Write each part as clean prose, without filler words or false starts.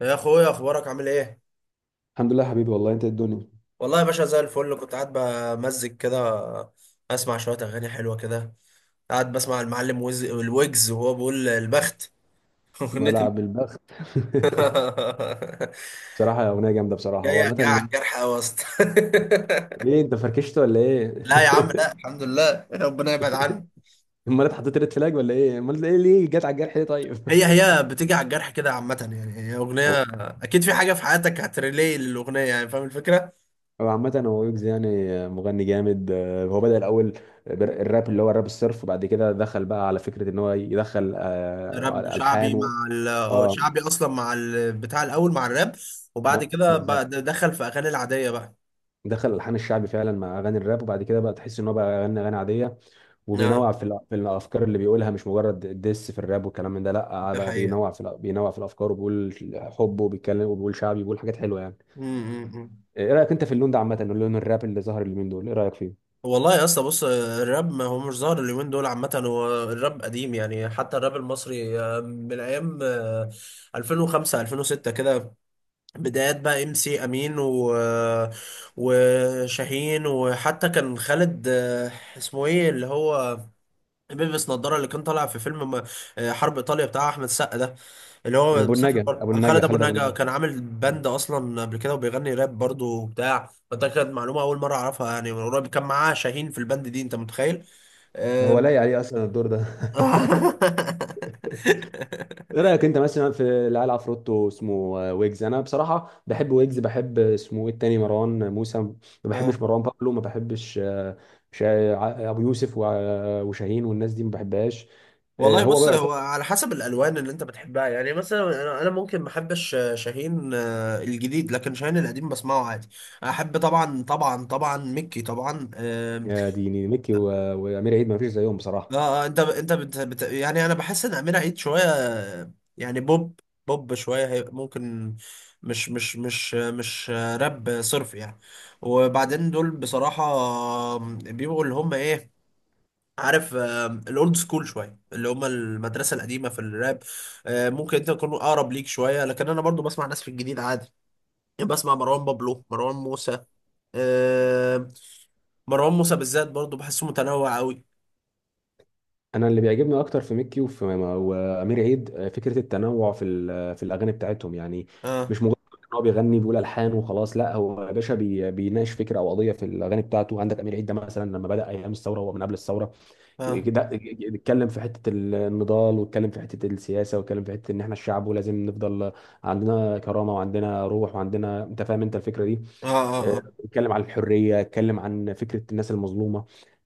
يا اخويا، اخبارك عامل ايه؟ الحمد لله يا حبيبي، والله انت إيه الدنيا. والله يا باشا زي الفل. كنت قاعد بمزج كده، اسمع شويه اغاني حلوه كده. قاعد بسمع المعلم الويجز وهو بيقول البخت. اغنيه ملعب البخت. البخت. بصراحه اغنيه جامده بصراحه، هو جاي جاي على عامه. الجرح قوي يا اسطى. ليه انت فركشت ولا ايه؟ لا يا عم، لا، الحمد لله، ربنا يبعد عني. امال انت حطيت ريد فلاج ولا ايه؟ امال ايه، ليه جت على الجرح ليه طيب؟ هي هي بتيجي على الجرح كده، عامه يعني هي اغنيه. هو اكيد في حاجه في حياتك هتريلي للاغنيه، يعني فاهم الفكره. هو عامه، هو ويجز يعني. مغني جامد، هو بدأ الاول. الراب، اللي هو الراب الصرف، وبعد كده دخل بقى على فكره ان هو يدخل راب وشعبي الحان مع ال، هو اه. شعبي اصلا، مع ال بتاع الاول مع الراب. وبعد كده بقى بالظبط، دخل في اغاني العاديه بقى. دخل الحان الشعبي فعلا مع اغاني الراب، وبعد كده بقى تحس ان هو بقى غنى اغاني عاديه، اه، وبينوع في الافكار اللي بيقولها، مش مجرد ديس في الراب والكلام من ده لا. ده بقى حقيقه. بينوع في بينوع في الافكار، وبيقول حب وبيتكلم وبيقول شعبي وبيقول حاجات حلوه يعني. امم ايه رايك انت في اللون ده عامه، اللون الراب اللي ظهر اليومين دول، ايه رايك فيه؟ والله يا اسطى، بص، الراب ما هو مش ظاهر اليومين دول عامه. هو الراب قديم يعني، حتى الراب المصري من ايام 2005 2006 كده. بدايات بقى ام سي امين و وشاهين، وحتى كان خالد اسمه ايه اللي هو بيلبس نظارة، اللي كان طالع في فيلم حرب إيطاليا بتاع أحمد السقا ده، اللي يعني هو ابو مسافر النجا، بره، خالد أبو خالد ابو النجا. النجا، كان عامل باند أصلا قبل كده وبيغني راب برضه وبتاع. فده كانت معلومة أول مرة أعرفها يعني من قريب. كان معاه شاهين في الباند دي، أنت متخيل؟ ده هو آم. لايق عليه اصلا الدور ده. ايه رايك انت مثلا في العيال، عفروتو اسمه ويجز، انا بصراحه بحب ويجز، بحب اسمه ايه التاني، مروان موسى، ما اه، بحبش، مروان بابلو ما بحبش. ابو يوسف وشاهين والناس دي ما بحبهاش. آه، والله هو بص، بقى هو على حسب الالوان اللي انت بتحبها يعني. مثلا انا ممكن ما احبش شاهين الجديد، لكن شاهين القديم بسمعه عادي. احب طبعا، طبعا، طبعا ميكي طبعا. يا ديني، ميكي وامير عيد ما فيش زيهم اه. بصراحه. انت يعني انا بحس ان امير عيد شويه، يعني بوب، بوب شويه هي ممكن، مش راب صرف يعني. وبعدين دول بصراحه بيبقوا اللي هم ايه، عارف، الاولد سكول شويه، اللي هم المدرسه القديمه في الراب. ممكن انت تكون اقرب ليك شويه، لكن انا برضو بسمع ناس في الجديد عادي. يعني بسمع مروان بابلو، مروان موسى آه، مروان موسى بالذات برضو بحسه متنوع قوي. انا اللي بيعجبني اكتر في ميكي وفي وامير عيد فكره التنوع في الاغاني بتاعتهم يعني، اه، مش مجرد ان هو بيغني بيقول الحان وخلاص، لا، هو يا باشا بيناقش فكره او قضيه في الاغاني بتاعته. عندك امير عيد ده مثلا، لما بدا ايام الثوره، هو من قبل الثوره اه، كده اتكلم في حته النضال، واتكلم في حته السياسه، واتكلم في حته ان احنا الشعب ولازم نفضل عندنا كرامه وعندنا روح وعندنا، انت فاهم انت الفكره دي. اه، اه. اتكلم عن الحريه، اتكلم عن فكره الناس المظلومه.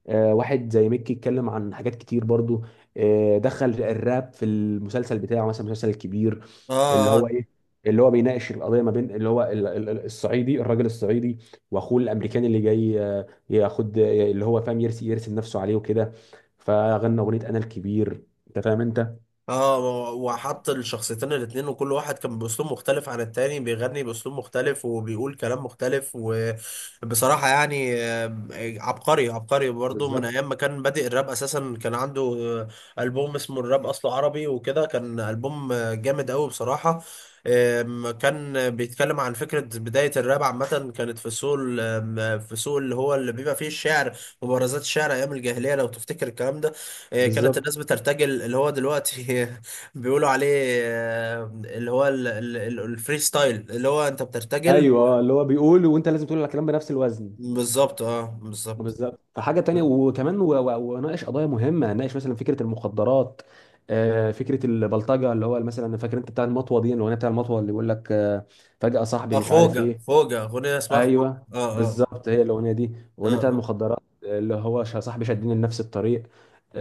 واحد زي ميكي اتكلم عن حاجات كتير برضو. دخل الراب في المسلسل بتاعه مثلا، المسلسل الكبير اللي اه، هو اه، ايه، اللي هو بيناقش القضيه ما بين اللي هو الصعيدي، الراجل الصعيدي، واخوه الامريكاني اللي جاي ياخد، اللي هو فاهم يرسم نفسه عليه وكده، فغنى اغنيه انا الكبير، انت فاهم انت. اه، و- وحط الشخصيتين الاتنين، وكل واحد كان باسلوب مختلف عن التاني، بيغني باسلوب مختلف وبيقول كلام مختلف، وبصراحة يعني عبقري، عبقري برضو. من بالظبط ايام ما كان بادئ الراب اساسا كان عنده البوم اسمه الراب اصله عربي وكده، كان البوم جامد قوي بصراحة. كان بيتكلم عن فكرة بداية الراب عامة. كانت في السوق في السوق اللي هو اللي بيبقى فيه الشعر، مبارزات الشعر أيام الجاهلية، لو تفتكر الكلام ده. إيه، كانت بالظبط. الناس بترتجل اللي هو دلوقتي بيقولوا عليه اللي هو الفري ستايل، اللي هو انت بترتجل ايوه، اللي هو بيقول، وانت لازم تقول الكلام بنفس الوزن. بالظبط، اه، بالظبط. بالظبط. فحاجه تانية، وكمان وناقش قضايا مهمه، ناقش مثلا فكره المخدرات، فكره البلطجه، اللي هو مثلا فاكر انت بتاع المطوه دي، الاغنيه بتاع المطوه، اللي بيقول لك فجاه صاحبي اه، مش عارف خوجة ايه. خوجة اغنية اسمها خوجة، ايوه، اه، اه. بالظبط، هي الاغنيه دي، اه، الاغنيه بتاع اه، المخدرات. اللي هو صاحبي شدني لنفس الطريق،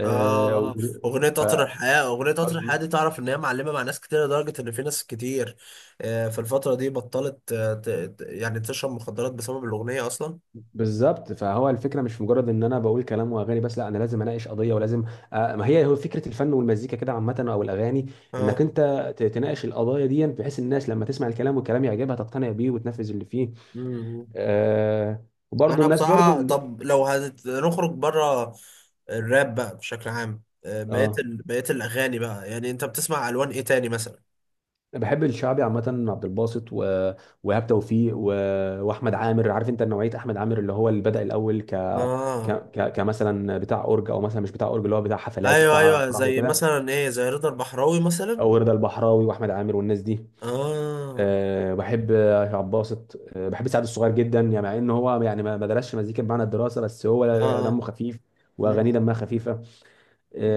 اه. و- اغنية قطر الحياة، اغنية قطر الحياة دي، تعرف ان هي معلمة مع ناس كتير، لدرجة ان في ناس كتير في الفترة دي بطلت يعني تشرب مخدرات بسبب الاغنية اصلا. بالظبط. فهو الفكره مش مجرد ان انا بقول كلام واغاني بس، لا، انا لازم اناقش قضيه ولازم. ما هي هو فكره الفن والمزيكا كده عامه او الاغاني، انك اه. انت تناقش القضايا دي، بحيث الناس لما تسمع الكلام والكلام يعجبها تقتنع بيه وتنفذ اللي فيه. مم. آه، وبرضه انا الناس برضه بصراحه، ال- طب لو هنخرج بره الراب بقى بشكل عام، اه، بقيه الاغاني بقى، يعني انت بتسمع الوان ايه تاني مثلا؟ أنا بحب الشعبي عامة، عبد الباسط وإيهاب توفيق وأحمد عامر، عارف أنت نوعية أحمد عامر اللي هو اللي بدأ الأول اه، كمثلا بتاع أورج، أو مثلا مش بتاع أورج، اللي هو بتاع حفلات ايوه، وبتاع ايوه، فرح زي وكده. مثلا ايه، زي رضا البحراوي مثلا. أو رضا البحراوي وأحمد عامر والناس دي، اه، أه بحب شعب باسط. أه بحب سعد الصغير جدا يعني، مع ان هو يعني ما درسش مزيكا بمعنى الدراسه، بس هو دمه اه. خفيف واغانيه مم. دمها خفيفه.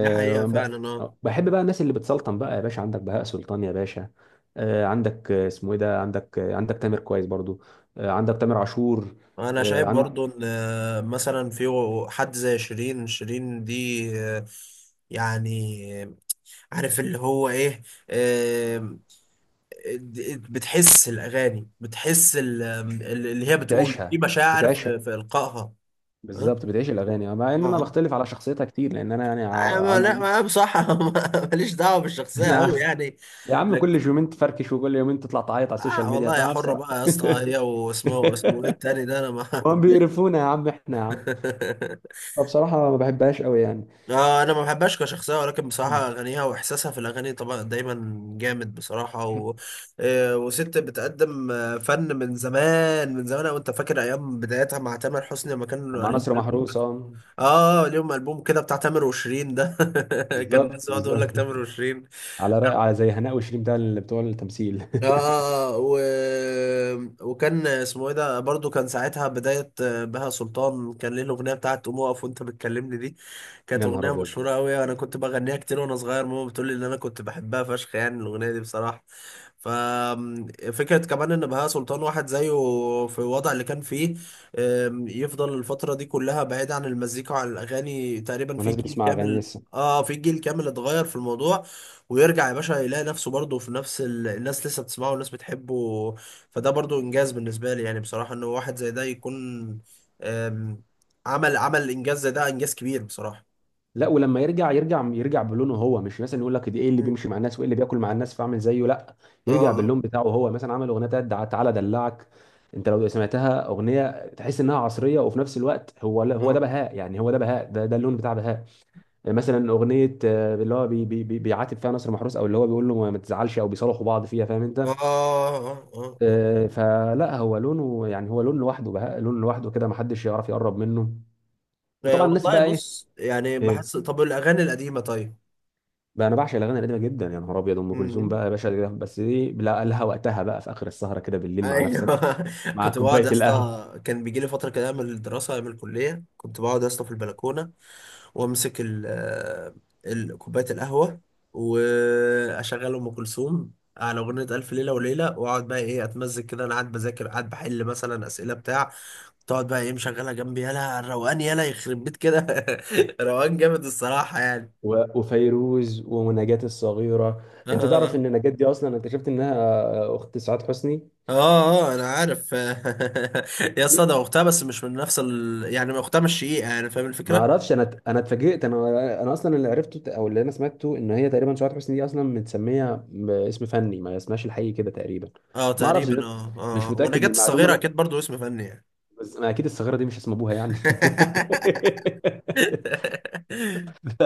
دي حقيقه ب- فعلا، اه. بحب بقى الناس اللي بتسلطن بقى يا باشا، عندك بهاء سلطان يا باشا، أه عندك اسمه ايه ده، عندك عندك تامر كويس برضو، أه عندك تامر عاشور، انا أه شايف عند برضو ان مثلا في حد زي شيرين، شيرين دي يعني عارف اللي هو ايه، بتحس الأغاني، بتحس اللي هي بتقوله في بتعيشها، مشاعر بتعيشها في إلقائها. ها؟ بالظبط، بتعيش الاغاني، مع ان انا اه. بختلف على شخصيتها كتير، لان انا يعني ما لا عندي. ما بصراحة ماليش دعوة بالشخصية أوي انا يعني. يا عم، لك كل يومين تفركش، وكل يومين تطلع تعيط على السوشيال ميديا، والله، يا فاهم، حرة بصراحه. بقى يا اسطى هي، واسمه اسمه إيه التاني ده، أنا ما وهم بيقرفونا يا عم، احنا يا عم، ماليش. فبصراحة ما بحبهاش قوي يعني. انا ما بحبهاش كشخصيه، ولكن بصراحه اغانيها واحساسها في الاغاني طبعا دايما جامد بصراحه. وست بتقدم فن من زمان، من زمان. وانت فاكر ايام بدايتها مع تامر حسني لما كان مع ليهم نصر البوم؟ محروس، اه اه، ليهم البوم كده بتاع تامر وشيرين ده. كان بالظبط الناس يقعدوا يقول بالظبط، لك تامر وشيرين. على رأي، على زي هناء وشيرين بتاع، اللي بتوع التمثيل. اه، اه، اه، و- وكان اسمه ايه ده برضو، كان ساعتها بداية بهاء سلطان كان ليه الأغنية بتاعت قوم اقف وانت بتكلمني دي. كانت يا نهار أغنية ابيض، مشهورة قوي. انا كنت بغنيها كتير وانا صغير، ماما بتقول لي ان انا كنت بحبها فشخ يعني الأغنية دي بصراحة. ففكرة كمان ان بهاء سلطان واحد زيه، في الوضع اللي كان فيه، يفضل الفترة دي كلها بعيد عن المزيكا وعن الأغاني تقريبا في والناس جيل بتسمع اغاني كامل. لسه. اه، في جيل كامل اتغير في الموضوع، ويرجع يا باشا يلاقي نفسه برضه في نفس الناس لسه بتسمعه والناس بتحبه. فده برضه انجاز بالنسبه لي، يعني بصراحه ان واحد زي ده يكون، أم، عمل انجاز زي ده، انجاز كبير بصراحه. لا، ولما يرجع يرجع يرجع بلونه هو، مش مثلا يقول لك دي ايه اللي مم. بيمشي مع الناس وايه اللي بياكل مع الناس فاعمل زيه، لا، اه، يرجع اه، باللون بتاعه هو. مثلا عمل اغنيه بتاعت تعالى دلعك، انت لو سمعتها اغنيه تحس انها عصريه، وفي نفس الوقت هو ده اه، بهاء، يعني هو ده بهاء، ده اللون بتاع بهاء. يعني مثلا اغنيه اللي هو بي بي بي بيعاتب فيها نصر محروس، او اللي هو بيقول له ما تزعلش، او بيصالحوا بعض فيها، فاهم اه، انت؟ اه، اه، اه. فلا هو لونه، يعني هو لون لوحده، بهاء لون لوحده كده، ما حدش يعرف يقرب منه. وطبعا الناس والله بقى ايه؟ بص، يعني إيه؟ بحس، طب الاغاني القديمه طيب؟ بقى انا بعشق الاغاني القديمه جدا، يا نهار ابيض، ام كلثوم مم. بقى يا باشا، بس دي لها وقتها بقى، في اخر السهره كده بالليل مع نفسك، ايوه، مع كنت بقعد كوبايه يا القهوه اسطى، كان بيجي لي فتره كده من الدراسه، من الكليه، كنت بقعد يا اسطى في البلكونه. وامسك كوبايه القهوه، واشغل ام كلثوم على اغنيه الف ليله وليله، واقعد بقى ايه، اتمزج كده، انا قاعد بذاكر، قاعد بحل مثلا اسئله بتاع. تقعد بقى ايه مشغلها جنبي، يالا الروقان، يالا يخرب بيت كده روقان جامد الصراحه يعني. وفيروز ونجاة الصغيره. اه، انت تعرف اه، ان نجاة دي اصلا اكتشفت انها اخت سعاد حسني؟ اه. انا عارف، يا اسطى ده اختها، بس مش من نفس يعني اختها مش شقيقه، يعني فاهم ما الفكره. اعرفش، انا اتفاجئت، انا اصلا اللي عرفته او اللي انا سمعته ان هي تقريبا شعر حسني دي اصلا متسميه باسم فني، ما اسمهاش الحقيقي كده تقريبا. اه، ما اعرفش تقريبا، اه. مش اه، متاكد ونجاة من المعلومه الصغيره اكيد برضو اسم فني يعني. بس ما اكيد الصغيره دي مش اسم ابوها يعني. ف...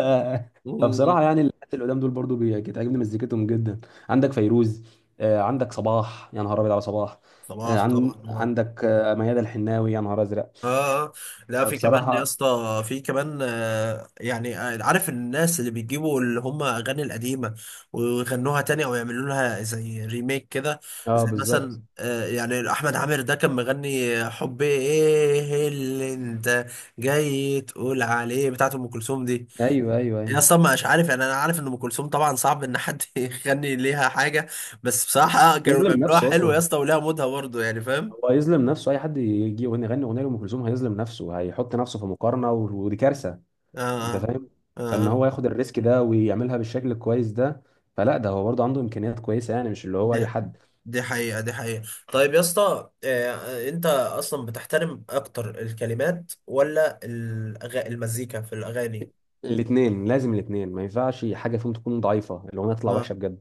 مم. فبصراحه يعني الناس اللي قدام دول برضو بتعجبني مزيكتهم جدا، عندك فيروز، عندك صباح، يا نهار ابيض على صباح، صباح طبعا، اه، عندك ميادة الحناوي، يا نهار ازرق. اه. لا، في كمان يا بصراحه، اسطى، في كمان يعني، عارف الناس اللي بيجيبوا اللي هم اغاني القديمه ويغنوها تاني، او يعملوا لها زي ريميك كده. اه زي بالظبط، مثلا يعني احمد عامر ده كان مغني، حب ايه اللي انت جاي تقول عليه بتاعت ام كلثوم دي. ايوه ايوه يا ايوه، اسطى مش عارف يعني، انا عارف ان ام كلثوم طبعا صعب ان حد يغني ليها حاجه. بس بصراحه كانوا يظلم بيعملوها نفسه حلو يا اصلا، اسطى، وليها مودها برضه يعني فاهم. هو هيظلم نفسه اي حد يجي يغني، يغني اغنيه لام كلثوم هيظلم نفسه، هيحط نفسه في مقارنه ودي كارثه، اه، انت اه. فاهم. فان آه. هو ياخد الريسك ده ويعملها بالشكل الكويس ده، فلا، ده هو برضه عنده امكانيات كويسه، يعني مش اللي هو اي دي حد. دي حقيقه، دي حقيقه. طيب يا اسطى، انت اصلا بتحترم اكتر الكلمات، ولا المزيكا في الاغاني؟ الاثنين، لازم الاثنين ما ينفعش حاجه فيهم تكون ضعيفه، الاغنيه تطلع اه، وحشه بجد،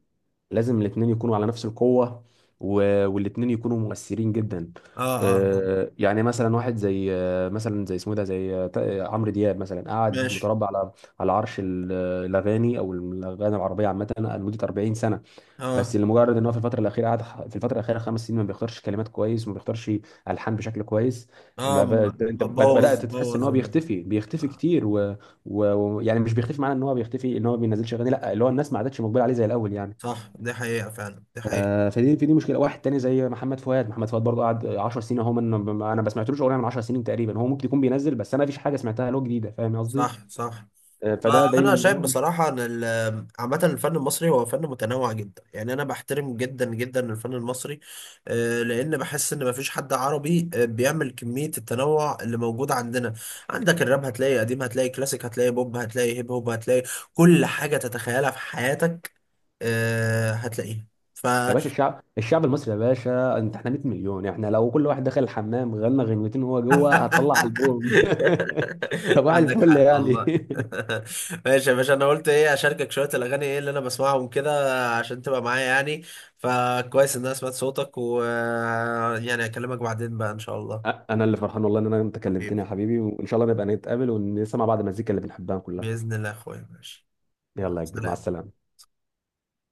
لازم الاثنين يكونوا على نفس القوه، والاثنين يكونوا مؤثرين جدا. اه، اه. يعني مثلا واحد زي مثلا زي اسمه ده، زي عمرو دياب مثلا، قعد ماشي. متربع على على عرش الاغاني، او الاغاني العربيه عامه، لمده 40 سنه. اه، بس لمجرد ان هو في الفتره الاخيره قعد ح- في الفتره الاخيره 5 سنين ما بيختارش كلمات كويس، وما بيختارش الحان بشكل كويس. اه، ما ب... انت بوظ بدات تحس ان بوظ هو بيختفي، بيختفي آه. كتير، ويعني يعني مش بيختفي معناه ان هو بيختفي، ان هو ما بينزلش اغاني، لا، اللي هو الناس ما عادتش مقبله عليه زي الاول يعني. صح، دي حقيقه فعلا، دي حقيقه. آه، فدي في دي مشكله. واحد تاني زي محمد فؤاد، برضه قعد 10 سنين اهو، انا ما سمعتلوش اغنيه من 10 سنين تقريبا، هو ممكن يكون بينزل، بس انا ما فيش حاجه سمعتها له جديده، فاهم قصدي. صح، صح. آه، فده دليل انا ان شايف هو مش. بصراحه ان عامه الفن المصري هو فن متنوع جدا، يعني انا بحترم جدا جدا الفن المصري. لان بحس ان مفيش حد عربي بيعمل كميه التنوع اللي موجود عندنا. عندك الراب، هتلاقي قديم، هتلاقي كلاسيك، هتلاقي بوب، هتلاقي هيب هوب، هتلاقي كل حاجه تتخيلها في حياتك هتلاقيها. يا باشا الشعب، الشعب المصري يا باشا، انت احنا 100 مليون، احنا لو كل واحد دخل الحمام غنى غنوتين وهو جوه، هتطلع البوم. صباح عندك الفل حق، يعني. الله. ماشي يا باشا، انا قلت ايه اشاركك شويه الاغاني، ايه اللي انا بسمعهم كده، عشان تبقى معايا يعني. فكويس ان انا سمعت صوتك، و، يعني، اكلمك بعدين بقى ان شاء الله. انا اللي فرحان والله، ان انا انت كلمتني يا حبيبي، حبيبي، وان شاء الله نبقى نتقابل ونسمع بعض المزيكا اللي بنحبها كلها. باذن الله يا اخويا، ماشي، يلا يا كبير، مع سلام. السلامه.